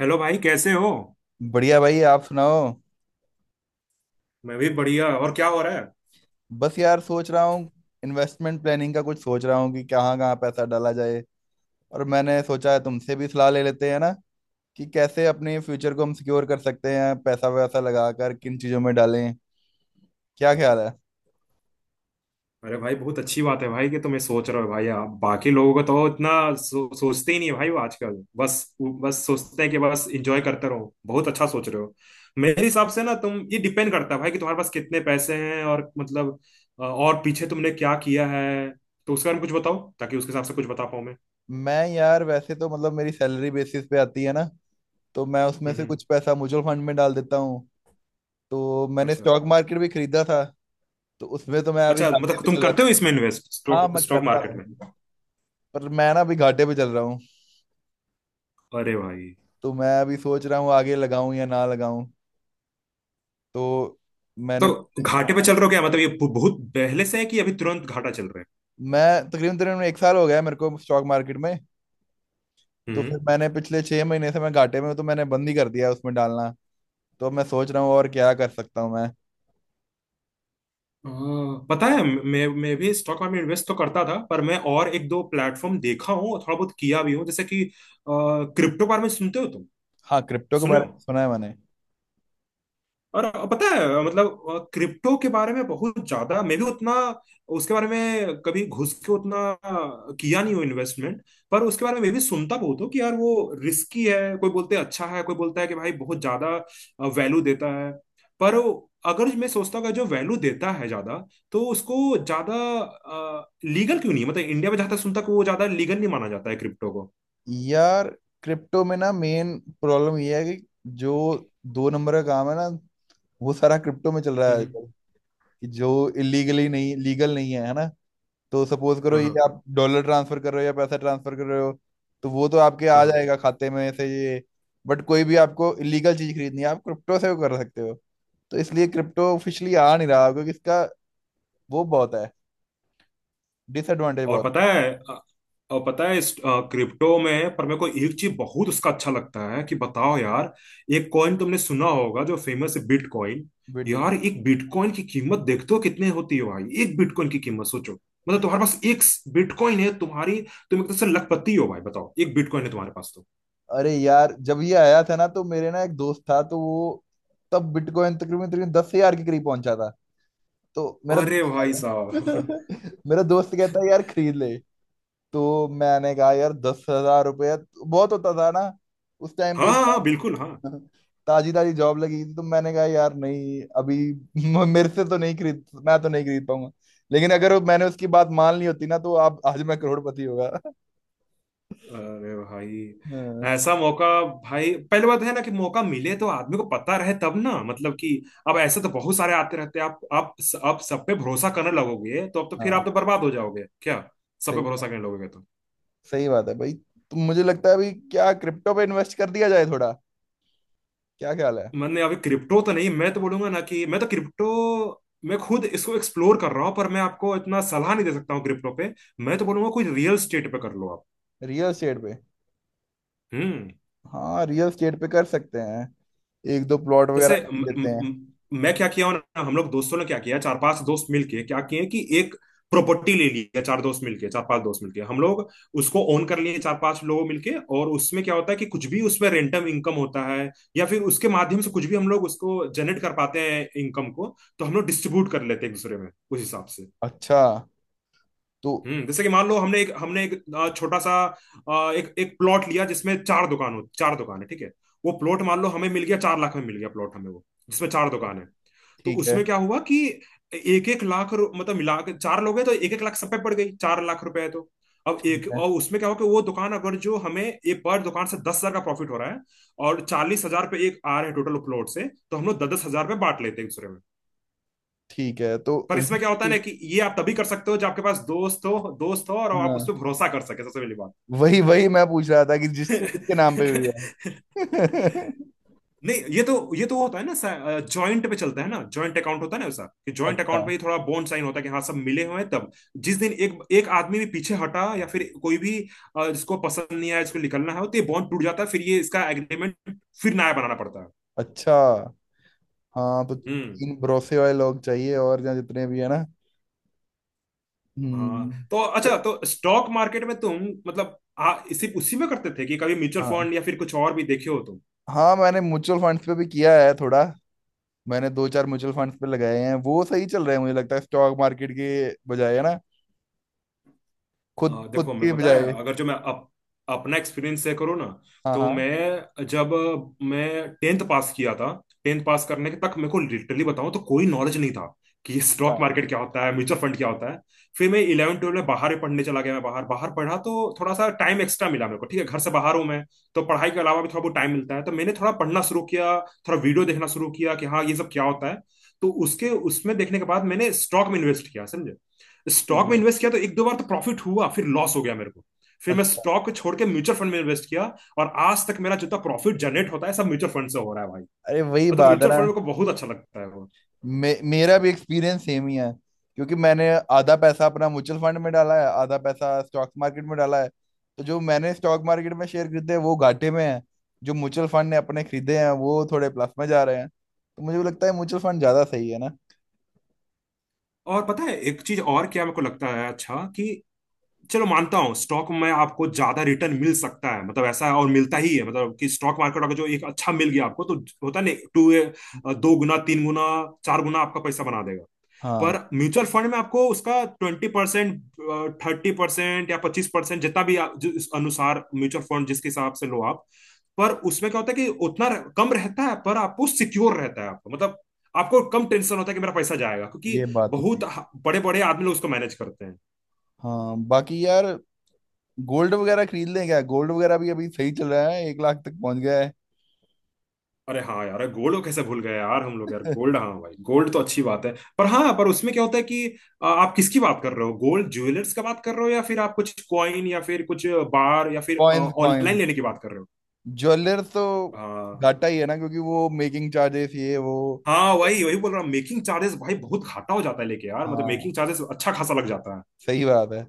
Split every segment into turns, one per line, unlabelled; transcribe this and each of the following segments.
Hello भाई, कैसे हो?
बढ़िया भाई, आप सुनाओ।
मैं भी बढ़िया। और क्या हो रहा है?
बस यार, सोच रहा हूँ। इन्वेस्टमेंट प्लानिंग का कुछ सोच रहा हूँ कि कहाँ कहाँ पैसा डाला जाए। और मैंने सोचा है तुमसे भी सलाह ले लेते हैं ना कि कैसे अपने फ्यूचर को हम सिक्योर कर सकते हैं, पैसा वैसा लगा कर किन चीज़ों में डालें। क्या ख्याल है?
अरे भाई, बहुत अच्छी बात है भाई कि तुम्हें सोच रहे हो। भाई, आप बाकी लोगों को तो इतना सोचते ही नहीं है भाई, वो आजकल बस बस सोचते हैं कि बस एंजॉय करते रहो। बहुत अच्छा सोच रहे हो। मेरे हिसाब से ना तुम, ये डिपेंड करता है भाई कि तुम्हारे पास कितने पैसे हैं, और मतलब और पीछे तुमने क्या किया है, तो उसके बारे में कुछ बताओ ताकि उसके हिसाब से कुछ बता पाऊं मैं।
मैं यार वैसे तो मतलब मेरी सैलरी बेसिस पे आती है ना, तो मैं उसमें
हम्म,
से
हम्म।
कुछ पैसा म्यूचुअल फंड में डाल देता हूँ। तो मैंने
अच्छा।
स्टॉक मार्केट भी खरीदा था, तो उसमें तो मैं अभी
अच्छा,
घाटे
मतलब
पे
तुम
चल रहा
करते हो
था।
इसमें इन्वेस्ट,
हाँ,
स्टॉक
मैं
स्टॉक
करता
मार्केट
हूँ।
में?
पर मैं ना अभी घाटे पे चल रहा हूँ।
अरे भाई!
तो मैं अभी सोच रहा हूँ आगे लगाऊं या ना लगाऊं। तो
तो
मैंने,
घाटे पे
हाँ।
चल रहे हो क्या, मतलब ये बहुत पहले से है कि अभी तुरंत घाटा चल रहा है?
मैं तकरीबन तकरीबन एक साल हो गया है मेरे को स्टॉक मार्केट में। तो
हम्म।
फिर मैंने पिछले 6 महीने से मैं घाटे में हूँ, तो मैंने बंद ही कर दिया है उसमें डालना। तो अब मैं सोच रहा हूँ और क्या कर सकता हूँ मैं।
अ, पता है, मैं भी स्टॉक मार्केट में इन्वेस्ट तो करता था, पर मैं और एक दो प्लेटफॉर्म देखा हूँ, थोड़ा बहुत किया भी हूँ, जैसे कि क्रिप्टो। बारे में सुनते हो तुम?
हाँ, क्रिप्टो के
सुने
बारे
हो?
में सुना है मैंने।
और पता है, मतलब क्रिप्टो के बारे में बहुत ज्यादा मैं भी उतना उसके बारे में कभी घुस के उतना किया नहीं हूँ इन्वेस्टमेंट। पर उसके बारे में मैं भी सुनता बहुत हूँ कि यार वो रिस्की है, कोई बोलते हैं अच्छा है, कोई बोलता है कि भाई बहुत ज्यादा वैल्यू देता है। पर अगर मैं सोचता हूँ कि जो वैल्यू देता है ज्यादा, तो उसको ज्यादा लीगल क्यों नहीं है? मतलब इंडिया में जहां तक सुनता हूँ कि वो ज्यादा लीगल नहीं माना जाता है क्रिप्टो को।
यार, क्रिप्टो में ना मेन प्रॉब्लम ये है कि जो दो नंबर का काम है ना, वो सारा क्रिप्टो में चल रहा है
हम्म,
आजकल। कि जो इलीगली नहीं, लीगल नहीं है, है ना। तो सपोज करो
हम्म।
ये,
हाँ, हाँ,
आप डॉलर ट्रांसफर कर रहे हो या पैसा ट्रांसफर कर रहे हो, तो वो तो आपके आ
हाँ।
जाएगा खाते में से ये। बट कोई भी आपको इलीगल चीज खरीदनी है, आप क्रिप्टो से वो कर सकते हो। तो इसलिए क्रिप्टो ऑफिशियली आ नहीं रहा क्योंकि इसका वो बहुत है, डिसएडवांटेज
और
बहुत।
पता है और पता है इस क्रिप्टो में, पर मेरे को एक चीज बहुत उसका अच्छा लगता है कि बताओ यार, एक कॉइन तुमने सुना होगा जो फेमस है, बिटकॉइन।
बिटकॉइन।
यार, एक बिटकॉइन की कीमत देखते हो कितने होती है भाई? एक बिटकॉइन की कीमत सोचो, मतलब तुम्हारे पास एक बिटकॉइन है तुम्हारी। तुम एक तरह से लखपति हो भाई, बताओ। एक बिटकॉइन है तुम्हारे पास तो।
अरे यार, जब ये आया था ना, तो मेरे ना एक दोस्त था, तो वो तब बिटकॉइन तकरीबन तकरीबन 10,000 के करीब पहुंचा था, तो मेरा
अरे भाई साहब!
मेरा दोस्त कहता है यार खरीद ले। तो मैंने कहा यार 10,000 रुपया तो बहुत होता था ना उस टाइम पे।
हाँ, हाँ, हाँ, बिल्कुल हाँ।
ताजी ताजी जॉब लगी थी, तो मैंने कहा यार नहीं अभी मेरे से तो नहीं खरीद, मैं तो नहीं खरीद पाऊंगा। लेकिन अगर मैंने उसकी बात मान ली होती ना तो आप आज मैं करोड़पति होगा।
अरे भाई,
हाँ।
ऐसा मौका! भाई, पहली बात है ना कि मौका मिले तो आदमी को पता रहे तब ना, मतलब कि अब ऐसे तो बहुत सारे आते रहते हैं। आप सब पे भरोसा करने लगोगे तो, अब तो फिर
हाँ,
आप तो बर्बाद हो जाओगे क्या? सब पे
सही
भरोसा
बात।
करने लगोगे तो।
सही बात है भाई। तो मुझे लगता है अभी क्या क्रिप्टो पे इन्वेस्ट कर दिया जाए थोड़ा। क्या ख्याल है?
मैंने अभी क्रिप्टो तो नहीं, मैं तो बोलूंगा ना कि मैं तो क्रिप्टो, मैं खुद इसको एक्सप्लोर कर रहा हूँ, पर मैं आपको इतना सलाह नहीं दे सकता हूँ क्रिप्टो पे। मैं तो बोलूंगा कोई रियल स्टेट पे कर लो आप।
रियल स्टेट पे।
हम्म
हाँ, रियल स्टेट पे कर सकते हैं। एक दो प्लॉट वगैरह
जैसे म,
खरीद लेते
म,
हैं।
म, मैं क्या किया हूं ना, हम लोग दोस्तों ने क्या किया, चार पांच दोस्त मिलके क्या किए कि एक प्रॉपर्टी ले ली है, चार दोस्त मिलके, चार पांच दोस्त मिलके हम लोग उसको ओन कर लिए, चार पांच लोग मिलके। और उसमें क्या होता है कि कुछ भी उसमें रेंटम इनकम होता है, या फिर उसके माध्यम से कुछ भी हम लोग उसको जनरेट कर पाते हैं इनकम को, तो हम लोग डिस्ट्रीब्यूट कर लेते हैं एक दूसरे में उस हिसाब से।
अच्छा। तो
हम्म, जैसे कि मान लो, हमने एक छोटा सा, एक एक प्लॉट लिया जिसमें चार दुकान हो, चार दुकान है, ठीक है। वो प्लॉट मान लो हमें मिल गया, 4 लाख में मिल गया प्लॉट हमें वो, जिसमें चार दुकान है। तो
ठीक है।
उसमें क्या हुआ कि 1-1 लाख मतलब मिला के, चार लोग हैं तो 1-1 लाख सब पे पड़ गई, 4 लाख रुपए है तो। अब एक और उसमें क्या हुआ कि वो दुकान अगर जो, हमें एक पर दुकान से 10 हजार का प्रॉफिट हो रहा है और 40 हजार पे एक आ रहे हैं टोटल प्लॉट से, तो हम लोग 10-10 हजार पे बांट लेते हैं एक दूसरे में।
ठीक है, तो
पर इसमें क्या होता है
रजिस्ट्री।
ना कि ये आप तभी कर सकते हो जब आपके पास दोस्त हो, दोस्त हो और आप उस पर
हाँ,
भरोसा कर सके, सबसे पहली बात।
वही वही मैं पूछ रहा था कि रजिस्ट्री किसके नाम पे हुई है।
नहीं, ये तो वो होता है ना, जॉइंट पे चलता है ना, जॉइंट अकाउंट होता है ना वैसा, कि जॉइंट
अच्छा।
अकाउंट पे ही थोड़ा बॉन्ड साइन होता है कि हाँ सब मिले हुए हैं, तब। जिस दिन एक एक आदमी भी पीछे हटा, या फिर कोई भी जिसको पसंद नहीं आया, जिसको निकलना है, तो ये बॉन्ड टूट जाता है, फिर ये इसका एग्रीमेंट फिर नया बनाना पड़ता है।
अच्छा, हाँ, तो
हम्म।
तीन भरोसे वाले लोग चाहिए और जहाँ जितने भी है ना।
हाँ, तो
हम्म। अरे,
अच्छा, तो स्टॉक मार्केट में तुम, मतलब इसी उसी में करते थे, कि कभी म्यूचुअल
हाँ।
फंड या फिर कुछ और भी देखे हो?
हाँ, मैंने म्यूचुअल फंड्स पे भी किया है थोड़ा। मैंने दो चार म्यूचुअल फंड्स पे लगाए हैं, वो सही चल रहे हैं। मुझे लगता है स्टॉक मार्केट के बजाय, है ना, खुद खुद
देखो, मैं,
के
पता है,
बजाय।
अगर जो मैं अपना एक्सपीरियंस शेयर करूँ ना,
हाँ
तो
हाँ
मैं जब मैं टेंथ पास किया था, टेंथ पास करने के तक मेरे को लिटरली बताऊं तो कोई नॉलेज नहीं था कि
हाँ,
स्टॉक मार्केट क्या होता है, म्यूचुअल फंड क्या होता है। फिर मैं इलेवन ट्वेल्व में बाहर ही पढ़ने चला गया, मैं बाहर बाहर पढ़ा, तो थोड़ा सा टाइम एक्स्ट्रा मिला मेरे को, ठीक है, घर से बाहर हूं मैं। तो पढ़ाई के अलावा भी थोड़ा बहुत टाइम मिलता है, तो मैंने थोड़ा पढ़ना शुरू किया, थोड़ा वीडियो देखना शुरू किया कि हाँ ये सब क्या होता है। तो उसके उसमें देखने के बाद मैंने स्टॉक में इन्वेस्ट किया, समझे।
ठीक
स्टॉक में
है।
इन्वेस्ट किया तो एक दो बार तो प्रॉफिट हुआ, फिर लॉस हो गया मेरे को। फिर मैं
अच्छा।
स्टॉक को छोड़ के म्यूचुअल फंड में इन्वेस्ट किया, और आज तक मेरा जितना प्रॉफिट जनरेट होता है सब म्यूचुअल फंड से हो रहा है भाई।
अरे, वही
मतलब
बात है
म्यूचुअल
ना।
फंड मेरे को बहुत अच्छा लगता है वो।
मेरा भी एक्सपीरियंस सेम ही है। क्योंकि मैंने आधा पैसा अपना म्यूचुअल फंड में डाला है, आधा पैसा स्टॉक मार्केट में डाला है। तो जो मैंने स्टॉक मार्केट में शेयर खरीदे हैं, वो घाटे में है। जो म्यूचुअल फंड ने अपने खरीदे हैं वो थोड़े प्लस में जा रहे हैं, तो मुझे भी लगता है म्यूचुअल फंड ज्यादा सही है ना।
और पता है एक चीज और क्या मेरे को लगता है अच्छा, कि चलो, मानता हूँ स्टॉक में आपको ज्यादा रिटर्न मिल सकता है, मतलब ऐसा है और मिलता ही है, मतलब कि स्टॉक मार्केट अगर जो एक अच्छा मिल गया आपको तो, होता नहीं, टू दो गुना, तीन गुना, चार गुना आपका पैसा बना देगा। पर
हाँ,
म्यूचुअल फंड में आपको उसका 20%, 30% या 25%, जितना भी जो इस अनुसार म्यूचुअल फंड जिसके हिसाब से लो आप, पर उसमें क्या होता है कि उतना कम रहता है, पर आपको सिक्योर रहता है, आपको मतलब आपको कम टेंशन होता है कि मेरा पैसा जाएगा, क्योंकि
ये बात तो सही
बहुत
है।
बड़े बड़े आदमी लोग उसको मैनेज करते हैं।
हाँ, बाकी यार गोल्ड वगैरह खरीद लें क्या? गोल्ड वगैरह भी अभी सही चल रहा है, 1 लाख तक पहुंच गया है।
अरे हाँ यार, गोल्ड को कैसे भूल गए यार हम लोग, यार गोल्ड, हाँ भाई गोल्ड तो अच्छी बात है। पर हाँ, पर उसमें क्या होता है कि आप किसकी बात कर रहे हो, गोल्ड ज्वेलर्स का बात कर रहे हो, या फिर आप कुछ कॉइन, या फिर कुछ बार, या फिर
कॉइन्स,
ऑनलाइन
कॉइन्स।
लेने की बात कर रहे हो?
ज्वेलर तो
हाँ।
घाटा ही है ना, क्योंकि वो मेकिंग चार्जेस ये वो।
हाँ वही वही बोल रहा हूँ, मेकिंग चार्जेस भाई, बहुत घाटा हो जाता है लेके यार, मतलब
हाँ,
मेकिंग चार्जेस अच्छा खासा लग जाता है।
सही बात है।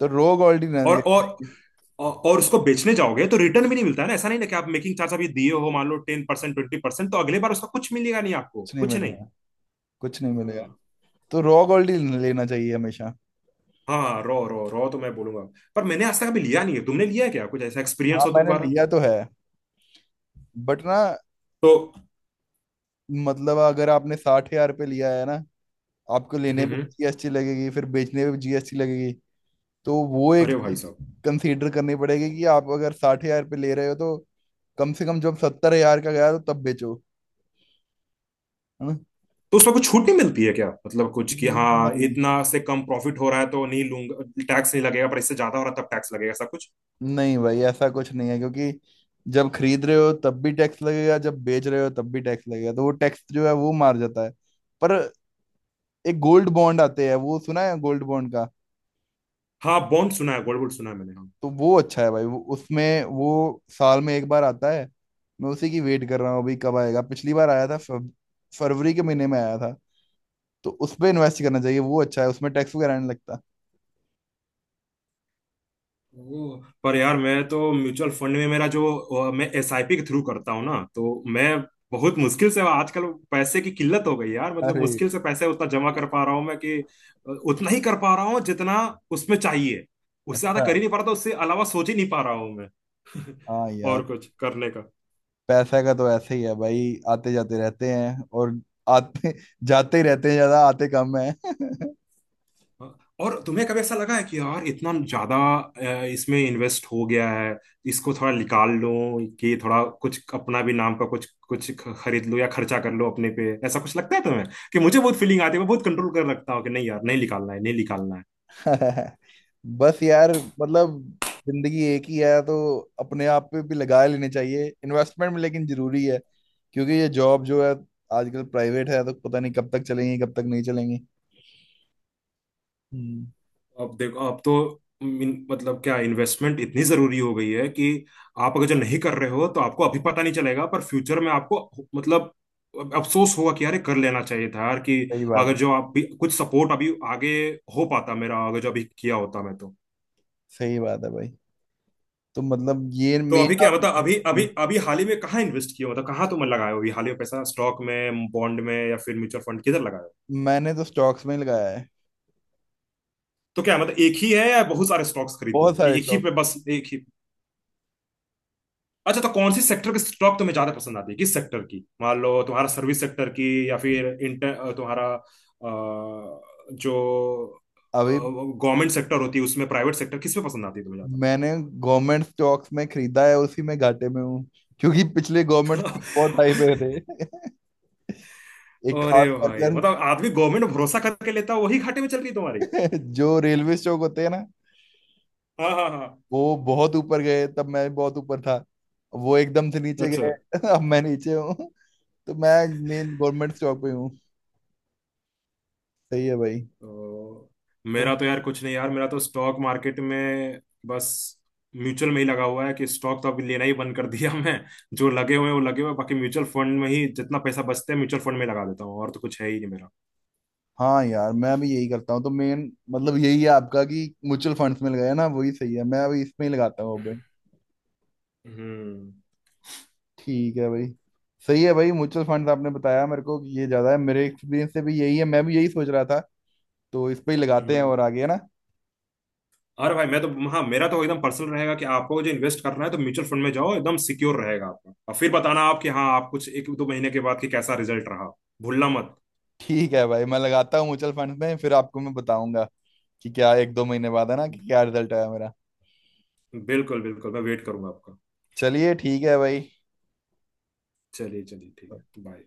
तो रॉ गोल्ड ही ना
और
लेना
और
चाहिए।
और उसको बेचने जाओगे तो रिटर्न भी नहीं मिलता है ना, ऐसा नहीं ना कि आप मेकिंग चार्ज अभी दिए हो मान लो 10%, 20%, तो अगले बार उसका कुछ मिलेगा नहीं आपको,
कुछ नहीं
कुछ नहीं।
मिलेगा। कुछ नहीं मिलेगा।
हाँ।
तो रॉ गोल्ड ही लेना चाहिए हमेशा।
हाँ, रॉ रॉ रॉ तो मैं बोलूंगा। पर मैंने आज तक अभी लिया नहीं है, तुमने लिया है क्या, कुछ ऐसा
हाँ,
एक्सपीरियंस हो
मैंने
तुम्हारा?
लिया तो है, बट ना।
तो।
मतलब अगर आपने 60,000 पे लिया है ना, आपको लेने
हम्म,
पे
हम्म।
जीएसटी लगेगी, फिर बेचने पे भी जीएसटी लगेगी। तो वो एक
अरे भाई
चीज
साहब।
कंसीडर करनी पड़ेगी कि आप अगर 60,000 पे ले रहे हो तो कम से कम जब 70,000 का गया तो तब बेचो। है ना।
तो उसमें कुछ छूट नहीं मिलती है क्या, मतलब कुछ, कि हाँ
नहीं,
इतना से कम प्रॉफिट हो रहा है तो नहीं लूंगा, टैक्स नहीं लगेगा, पर इससे ज्यादा हो रहा है तब टैक्स लगेगा, ऐसा कुछ?
नहीं भाई, ऐसा कुछ नहीं है। क्योंकि जब खरीद रहे हो तब भी टैक्स लगेगा, जब बेच रहे हो तब भी टैक्स लगेगा, तो वो टैक्स जो है वो मार जाता है। पर एक गोल्ड बॉन्ड आते हैं, वो सुना है गोल्ड बॉन्ड का।
हाँ, बॉन्ड सुना है, गोल्ड बोल्ड सुना है मैंने, हाँ।
तो वो अच्छा है भाई वो, उसमें वो साल में एक बार आता है। मैं उसी की वेट कर रहा हूँ अभी कब आएगा। पिछली बार आया था फरवरी के महीने में आया था। तो उस पे इन्वेस्ट करना चाहिए, वो अच्छा है, उसमें टैक्स वगैरह नहीं लगता।
ओ, पर यार मैं तो म्यूचुअल फंड में, मेरा जो मैं SIP के थ्रू करता हूँ ना, तो मैं बहुत मुश्किल से आजकल, पैसे की किल्लत हो गई यार, मतलब
अरे।
मुश्किल से पैसे उतना जमा कर पा रहा हूँ मैं, कि उतना ही कर पा रहा हूँ जितना उसमें चाहिए, उससे ज्यादा
अच्छा।
कर ही नहीं पा रहा था, उससे अलावा सोच ही नहीं पा रहा हूँ मैं।
हाँ यार,
और कुछ करने का।
पैसे का तो ऐसे ही है भाई, आते जाते रहते हैं। और आते जाते ही रहते हैं, ज्यादा आते कम है।
और तुम्हें कभी ऐसा लगा है कि यार इतना ज्यादा इसमें इन्वेस्ट हो गया है, इसको थोड़ा निकाल लो, कि थोड़ा कुछ अपना भी नाम का कुछ कुछ खरीद लो या खर्चा कर लो अपने पे, ऐसा कुछ लगता है तुम्हें कि मुझे बहुत फीलिंग आती है? मैं बहुत कंट्रोल कर रखता हूँ कि नहीं यार, नहीं निकालना है, नहीं निकालना है।
बस यार मतलब जिंदगी एक ही है, तो अपने आप पे भी लगा लेने चाहिए इन्वेस्टमेंट में, लेकिन जरूरी है। क्योंकि ये जॉब जो है आजकल प्राइवेट है, तो पता नहीं कब तक चलेंगी कब तक नहीं चलेंगी। हम्म।
अब देखो, अब तो मतलब क्या, इन्वेस्टमेंट इतनी जरूरी हो गई है कि आप अगर जो नहीं कर रहे हो तो आपको अभी पता नहीं चलेगा, पर फ्यूचर में आपको मतलब अब अफसोस होगा कि यार ये कर लेना चाहिए था यार, कि
सही बात है।
अगर जो आप भी कुछ सपोर्ट अभी आगे हो पाता मेरा, अगर जो अभी किया होता मैं तो।
सही बात है भाई। तो मतलब ये
तो अभी क्या
मेन।
बता, अभी अभी अभी हाल ही में कहाँ इन्वेस्ट किया हो, मतलब कहाँ तुम लगाए हो अभी हाल ही में पैसा, स्टॉक में, बॉन्ड में, या फिर म्यूचुअल फंड, किधर लगाए हो?
मैंने तो स्टॉक्स में ही लगाया है।
तो क्या मतलब, एक ही है या बहुत सारे स्टॉक्स खरीदते
बहुत
हो, कि
सारे
एक ही
स्टॉक।
पे बस एक ही? अच्छा, तो कौन सी सेक्टर की स्टॉक तुम्हें ज्यादा पसंद आती है, किस सेक्टर की? मान लो तुम्हारा, सर्विस सेक्टर की या फिर इंटर तुम्हारा जो
अभी
गवर्नमेंट सेक्टर होती है, उसमें प्राइवेट सेक्टर, किस में पसंद आती है तुम्हें
मैंने गवर्नमेंट स्टॉक्स में खरीदा है, उसी में घाटे में हूँ। क्योंकि पिछले गवर्नमेंट स्टॉक बहुत हाई पे
ज्यादा?
थे। एक
अरे
खास कर।
भाई, मतलब आदमी गवर्नमेंट भरोसा करके लेता है, वही घाटे में चल रही है तुम्हारी।
जो रेलवे स्टॉक होते हैं ना,
हाँ, हाँ, हाँ।
वो बहुत ऊपर गए तब मैं बहुत ऊपर था। वो एकदम से नीचे
अच्छा।
गए। अब मैं नीचे हूँ। तो मैं मेन गवर्नमेंट स्टॉक पे हूँ। सही है भाई।
तो
तो
मेरा तो यार कुछ नहीं यार, मेरा तो स्टॉक मार्केट में, बस म्यूचुअल में ही लगा हुआ है, कि स्टॉक तो अभी लेना ही बंद कर दिया मैं। जो लगे हुए हैं वो लगे हुए हैं, बाकी म्यूचुअल फंड में ही जितना पैसा बचता है म्यूचुअल फंड में लगा देता हूँ, और तो कुछ है ही नहीं मेरा।
हाँ यार, मैं भी यही करता हूँ। तो मेन मतलब यही है आपका कि म्यूचुअल फंड्स में लगाया ना वही सही है। मैं अभी इसमें ही लगाता हूँ।
हम्म।
ठीक है भाई। सही है भाई, म्यूचुअल फंड आपने बताया मेरे को कि ये ज्यादा है, मेरे एक्सपीरियंस से भी यही है, मैं भी यही सोच रहा था। तो इस पे ही लगाते
हम्म।
हैं। और आगे है ना।
अरे भाई, मैं तो, हाँ, मेरा तो एकदम पर्सनल रहेगा कि आपको जो इन्वेस्ट करना है तो म्यूचुअल फंड में जाओ, एकदम सिक्योर रहेगा आपका, और फिर बताना आप कि हाँ आप कुछ एक दो महीने के बाद कि कैसा रिजल्ट रहा। भूलना मत।
ठीक है भाई, मैं लगाता हूँ म्यूचुअल फंड में, फिर आपको मैं बताऊंगा कि क्या एक दो महीने बाद, है ना, कि क्या रिजल्ट आया मेरा।
बिल्कुल, बिल्कुल, मैं वेट करूंगा आपका।
चलिए ठीक है भाई।
चलिए, चलिए, ठीक है, बाय।